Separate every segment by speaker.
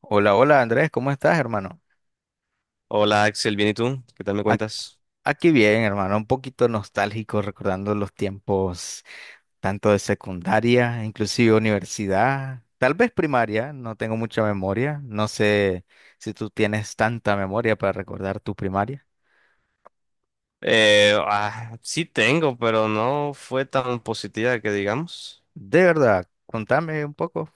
Speaker 1: Hola, hola Andrés, ¿cómo estás, hermano?
Speaker 2: Hola Axel, ¿bien y tú? ¿Qué tal me
Speaker 1: Ac-
Speaker 2: cuentas?
Speaker 1: Aquí bien, hermano, un poquito nostálgico recordando los tiempos tanto de secundaria, inclusive universidad, tal vez primaria, no tengo mucha memoria, no sé si tú tienes tanta memoria para recordar tu primaria.
Speaker 2: Sí tengo, pero no fue tan positiva que digamos.
Speaker 1: De verdad, contame un poco.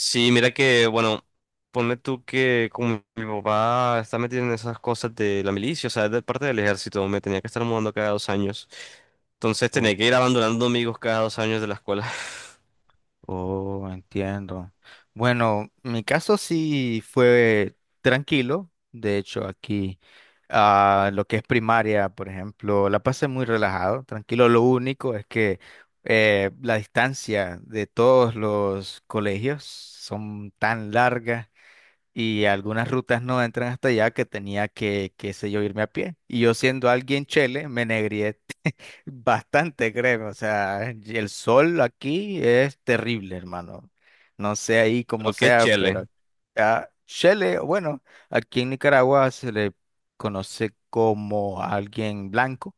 Speaker 2: Sí, mira que, bueno, ponle tú que como mi papá está metido en esas cosas de la milicia, o sea, es de parte del ejército, me tenía que estar mudando cada 2 años. Entonces tenía que ir abandonando amigos cada 2 años de la escuela.
Speaker 1: Oh, entiendo. Bueno, mi caso sí fue tranquilo. De hecho, aquí, lo que es primaria, por ejemplo, la pasé muy relajado, tranquilo. Lo único es que la distancia de todos los colegios son tan largas y algunas rutas no entran hasta allá que tenía que, qué sé yo, irme a pie. Y yo siendo alguien chele, me negré bastante, créeme, o sea, y el sol aquí es terrible, hermano. No sé ahí cómo
Speaker 2: Pero qué
Speaker 1: sea,
Speaker 2: chele.
Speaker 1: pero a chele, bueno, aquí en Nicaragua se le conoce como alguien blanco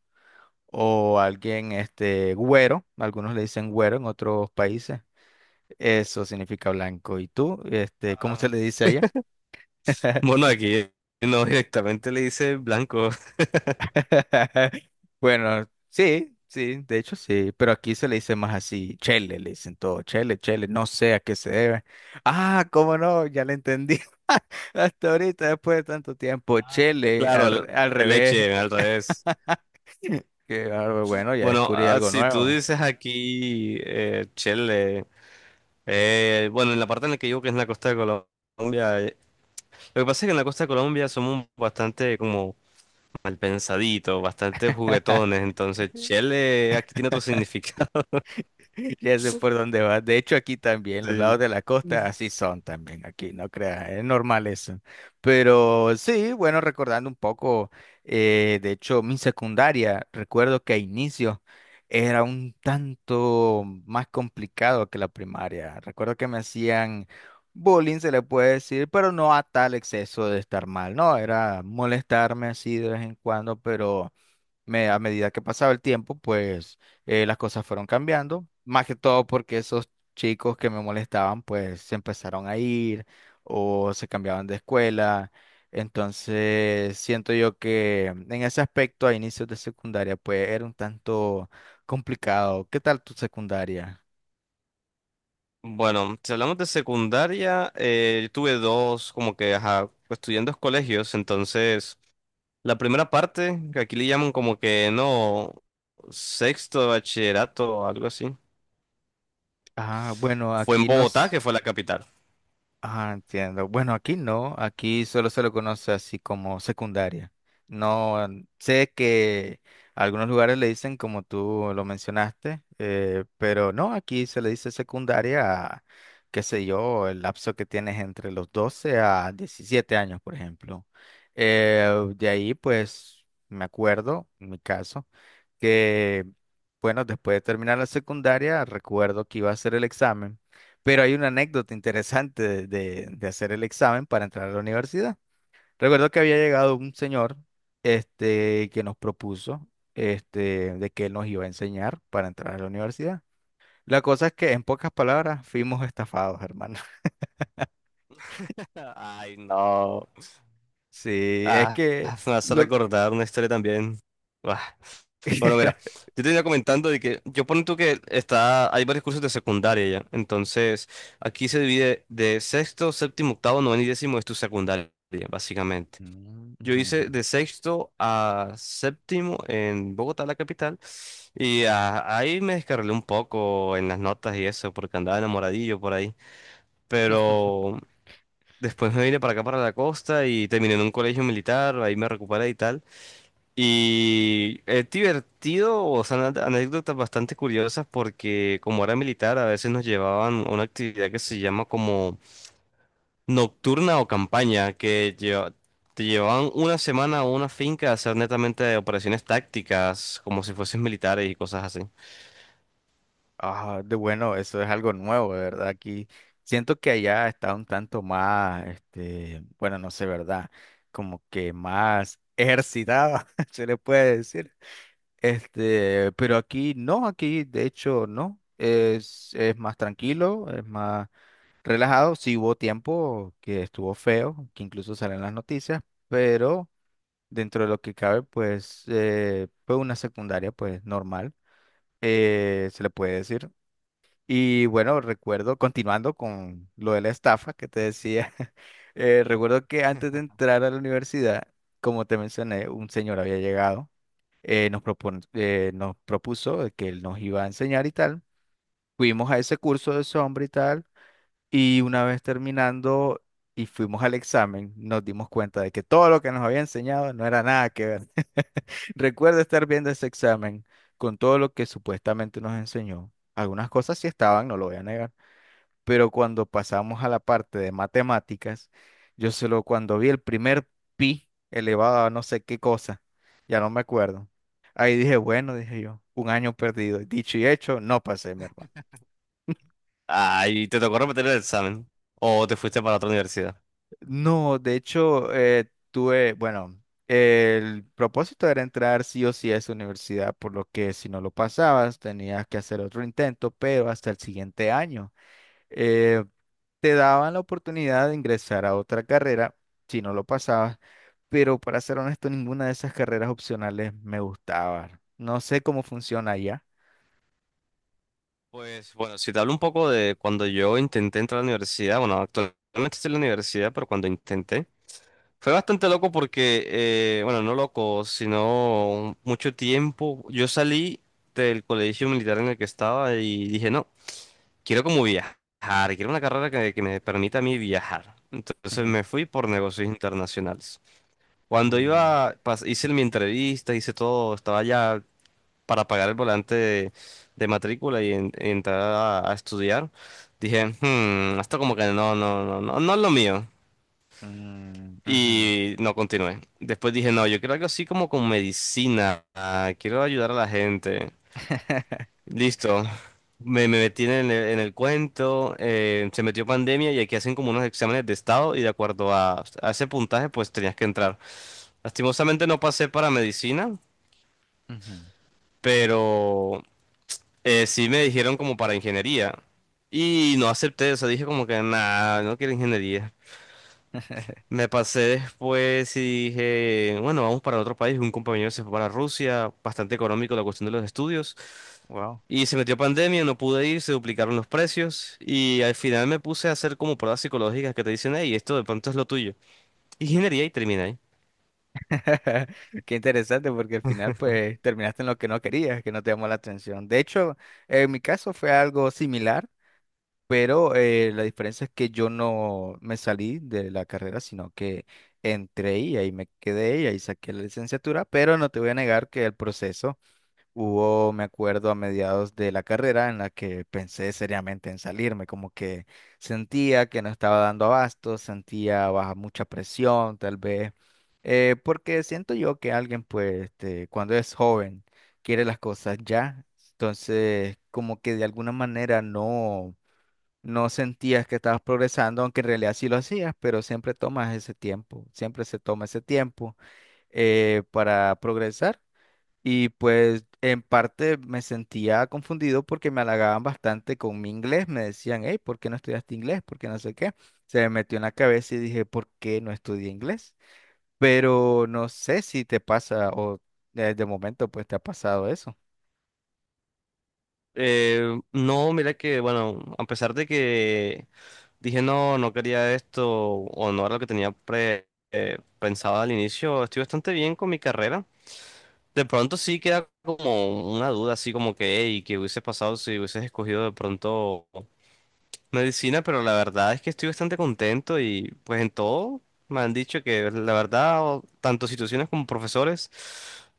Speaker 1: o alguien este güero, algunos le dicen güero en otros países. Eso significa blanco. ¿Y tú, este, cómo se
Speaker 2: Ah,
Speaker 1: le dice allá?
Speaker 2: Bueno, aquí no directamente le dice blanco.
Speaker 1: Bueno, sí, sí, de hecho sí, pero aquí se le dice más así, chele, le dicen todo, chele, chele, no sé a qué se debe. Ah, cómo no, ya le entendí. Hasta ahorita, después de tanto tiempo, chele,
Speaker 2: Claro,
Speaker 1: al, al
Speaker 2: el
Speaker 1: revés.
Speaker 2: leche al revés.
Speaker 1: Que, ah, bueno, ya
Speaker 2: Bueno,
Speaker 1: descubrí algo
Speaker 2: si tú
Speaker 1: nuevo.
Speaker 2: dices aquí Chile, bueno, en la parte en la que yo que es en la costa de Colombia, lo que pasa es que en la costa de Colombia somos bastante como mal pensaditos, bastante juguetones, entonces Chile aquí tiene otro significado.
Speaker 1: Ya sé por dónde vas. De hecho, aquí también, los lados
Speaker 2: Sí.
Speaker 1: de la costa así son también aquí, no creas, es normal eso. Pero sí, bueno, recordando un poco, de hecho, mi secundaria, recuerdo que a inicio era un tanto más complicado que la primaria. Recuerdo que me hacían bullying, se le puede decir, pero no a tal exceso de estar mal, no, era molestarme así de vez en cuando, pero a medida que pasaba el tiempo, pues las cosas fueron cambiando, más que todo porque esos chicos que me molestaban, pues se empezaron a ir o se cambiaban de escuela. Entonces, siento yo que en ese aspecto a inicios de secundaria, pues era un tanto complicado. ¿Qué tal tu secundaria?
Speaker 2: Bueno, si hablamos de secundaria, tuve dos, como que, ajá, pues, estudié en dos colegios, entonces la primera parte, que aquí le llaman como que no, sexto de bachillerato o algo así.
Speaker 1: Ah, bueno,
Speaker 2: Fue en
Speaker 1: aquí
Speaker 2: Bogotá, que
Speaker 1: nos...
Speaker 2: fue la capital.
Speaker 1: Ah, entiendo. Bueno, aquí no, aquí solo se lo conoce así como secundaria. No, mm, sé que algunos lugares le dicen como tú lo mencionaste, pero no, aquí se le dice secundaria a, qué sé yo, el lapso que tienes entre los 12 a 17 años, por ejemplo. De ahí, pues, me acuerdo, en mi caso, que, bueno, después de terminar la secundaria, recuerdo que iba a hacer el examen. Pero hay una anécdota interesante de, de hacer el examen para entrar a la universidad. Recuerdo que había llegado un señor, este, que nos propuso, este, de que él nos iba a enseñar para entrar a la universidad. La cosa es que, en pocas palabras, fuimos estafados, hermano.
Speaker 2: Ay, no.
Speaker 1: Sí, es
Speaker 2: Ah, me
Speaker 1: que
Speaker 2: hace
Speaker 1: lo...
Speaker 2: recordar una historia también. Ah, bueno, mira, yo te venía comentando de que yo pongo tú que está, hay varios cursos de secundaria ya. Entonces, aquí se divide de sexto, séptimo, octavo, noveno y décimo es tu secundaria, básicamente.
Speaker 1: Mm,
Speaker 2: Yo
Speaker 1: ujú, ujú.
Speaker 2: hice de sexto a séptimo en Bogotá, la capital, y ahí me descarrilé un poco en las notas y eso, porque andaba enamoradillo por ahí. Pero Después me vine para acá, para la costa, y terminé en un colegio militar, ahí me recuperé y tal. Y es divertido, o sea, anécdotas bastante curiosas porque como era militar, a veces nos llevaban a una actividad que se llama como nocturna o campaña, te llevaban una semana a una finca a hacer netamente operaciones tácticas, como si fueses militares y cosas así.
Speaker 1: Ah, de bueno, eso es algo nuevo, de verdad. Aquí siento que allá está un tanto más, este, bueno, no sé, ¿verdad? Como que más ejercitado, se le puede decir. Este, pero aquí no, aquí de hecho no. Es más tranquilo, es más relajado. Sí hubo tiempo que estuvo feo, que incluso salen las noticias, pero dentro de lo que cabe, pues, fue una secundaria, pues, normal, se le puede decir. Y bueno, recuerdo, continuando con lo de la estafa que te decía, recuerdo que antes de entrar a la universidad, como te mencioné, un señor había llegado, nos propuso de que él nos iba a enseñar y tal. Fuimos a ese curso de ese hombre y tal, y una vez terminando y fuimos al examen, nos dimos cuenta de que todo lo que nos había enseñado no era nada que ver. Recuerdo estar viendo ese examen con todo lo que supuestamente nos enseñó. Algunas cosas sí estaban, no lo voy a negar, pero cuando pasamos a la parte de matemáticas, yo solo cuando vi el primer pi elevado a no sé qué cosa, ya no me acuerdo. Ahí dije, bueno, dije yo, un año perdido. Dicho y hecho, no pasé, mi hermano.
Speaker 2: Ay, ¿te tocó repetir el examen? ¿O te fuiste para otra universidad?
Speaker 1: No, de hecho, tuve, bueno, el propósito era entrar sí o sí a esa universidad, por lo que si no lo pasabas, tenías que hacer otro intento, pero hasta el siguiente año. Eh, Te daban la oportunidad de ingresar a otra carrera si no lo pasabas, pero para ser honesto, ninguna de esas carreras opcionales me gustaba. No sé cómo funciona allá.
Speaker 2: Pues bueno, si te hablo un poco de cuando yo intenté entrar a la universidad, bueno, actualmente estoy en la universidad, pero cuando intenté, fue bastante loco porque, bueno, no loco, sino mucho tiempo. Yo salí del colegio militar en el que estaba y dije, no, quiero como viajar, quiero una carrera que me permita a mí viajar. Entonces
Speaker 1: Ujú,
Speaker 2: me fui por negocios internacionales. Cuando
Speaker 1: ujú,
Speaker 2: iba, hice mi entrevista, hice todo, estaba ya para pagar el volante de matrícula y, y entrar a estudiar, dije, "Hmm, esto como que no, no, no, no, no es lo mío.
Speaker 1: mm, ujú,
Speaker 2: Y no continué. Después dije, no, yo quiero algo así como con medicina, ah, quiero ayudar a la gente. Listo. Me metí en el cuento, se metió pandemia y aquí hacen como unos exámenes de estado y de acuerdo a ese puntaje pues tenías que entrar. Lastimosamente no pasé para medicina,
Speaker 1: ujú.
Speaker 2: pero sí me dijeron como para ingeniería y no acepté, o sea, dije como que nada, no quiero ingeniería. Me pasé después y dije, bueno, vamos para otro país. Un compañero se fue para Rusia, bastante económico la cuestión de los estudios.
Speaker 1: Wow.
Speaker 2: Y se metió pandemia, no pude ir, se duplicaron los precios. Y al final me puse a hacer como pruebas psicológicas que te dicen, hey, esto de pronto es lo tuyo. Ingeniería y terminé ahí.
Speaker 1: Qué interesante porque al final pues terminaste en lo que no querías, que no te llamó la atención. De hecho, en mi caso fue algo similar. Pero la diferencia es que yo no me salí de la carrera, sino que entré y ahí me quedé y ahí saqué la licenciatura, pero no te voy a negar que el proceso hubo, me acuerdo, a mediados de la carrera en la que pensé seriamente en salirme, como que sentía que no estaba dando abasto, sentía baja mucha presión, tal vez, porque siento yo que alguien, pues, este, cuando es joven, quiere las cosas ya, entonces como que de alguna manera no sentías que estabas progresando, aunque en realidad sí lo hacías, pero siempre tomas ese tiempo, siempre se toma ese tiempo para progresar. Y pues en parte me sentía confundido porque me halagaban bastante con mi inglés, me decían, hey, ¿por qué no estudiaste inglés? ¿Por qué no sé qué? Se me metió en la cabeza y dije, ¿por qué no estudié inglés? Pero no sé si te pasa o de momento pues te ha pasado eso.
Speaker 2: No, mira que, bueno, a pesar de que dije no, no quería esto o no era lo que tenía pensado al inicio, estoy bastante bien con mi carrera. De pronto sí queda como una duda, así como que, hey, ¿qué hubiese pasado si hubieses escogido de pronto? Medicina, pero la verdad es que estoy bastante contento y pues en todo me han dicho que la verdad, tanto situaciones como profesores,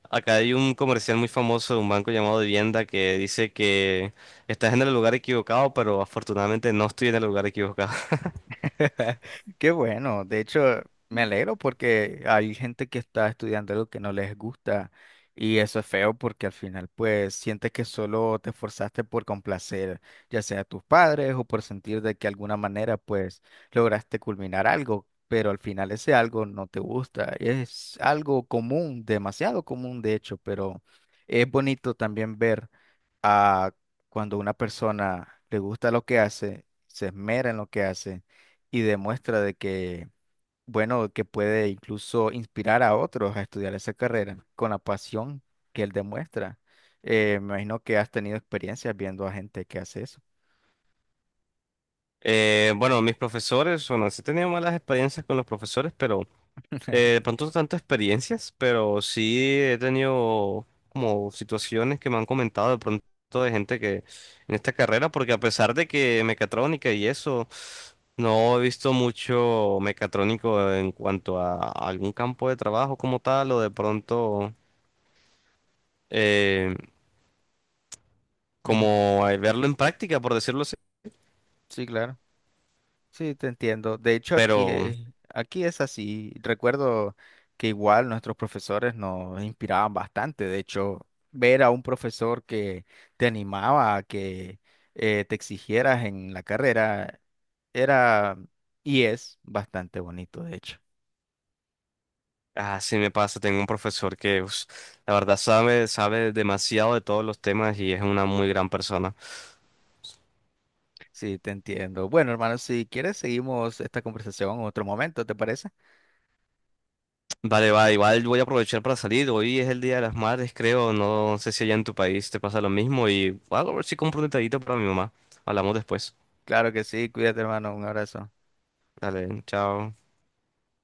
Speaker 2: acá hay un comercial muy famoso de un banco llamado Vivienda que dice que estás en el lugar equivocado, pero afortunadamente no estoy en el lugar equivocado.
Speaker 1: Qué bueno, de hecho me alegro porque hay gente que está estudiando algo que no les gusta y eso es feo porque al final pues sientes que solo te esforzaste por complacer ya sea a tus padres o por sentir de que alguna manera pues lograste culminar algo, pero al final ese algo no te gusta. Es algo común, demasiado común de hecho, pero es bonito también ver a cuando una persona le gusta lo que hace, se esmera en lo que hace y demuestra de que, bueno, que puede incluso inspirar a otros a estudiar esa carrera con la pasión que él demuestra. Me imagino que has tenido experiencias viendo a gente que hace eso.
Speaker 2: Bueno, mis profesores, bueno, sí he tenido malas experiencias con los profesores, pero... de pronto no tanto experiencias, pero sí he tenido como situaciones que me han comentado de pronto de gente que en esta carrera, porque a pesar de que mecatrónica y eso, no he visto mucho mecatrónico en cuanto a algún campo de trabajo como tal, o de pronto eh,
Speaker 1: Ujú.
Speaker 2: como verlo en práctica, por decirlo así.
Speaker 1: Sí, claro. Sí, te entiendo. De hecho, aquí,
Speaker 2: Pero
Speaker 1: aquí es así. Recuerdo que igual nuestros profesores nos inspiraban bastante. De hecho, ver a un profesor que te animaba a que te exigieras en la carrera era y es bastante bonito, de hecho.
Speaker 2: así me pasa, tengo un profesor que la verdad sabe, sabe demasiado de todos los temas y es una muy gran persona.
Speaker 1: Sí, te entiendo. Bueno, hermano, si quieres, seguimos esta conversación en otro momento, ¿te parece?
Speaker 2: Vale, va, igual voy a aprovechar para salir. Hoy es el Día de las Madres, creo. No sé si allá en tu país te pasa lo mismo. Y voy a ver si compro un detallito para mi mamá. Hablamos después.
Speaker 1: Claro que sí. Cuídate, hermano. Un abrazo.
Speaker 2: Dale, chao.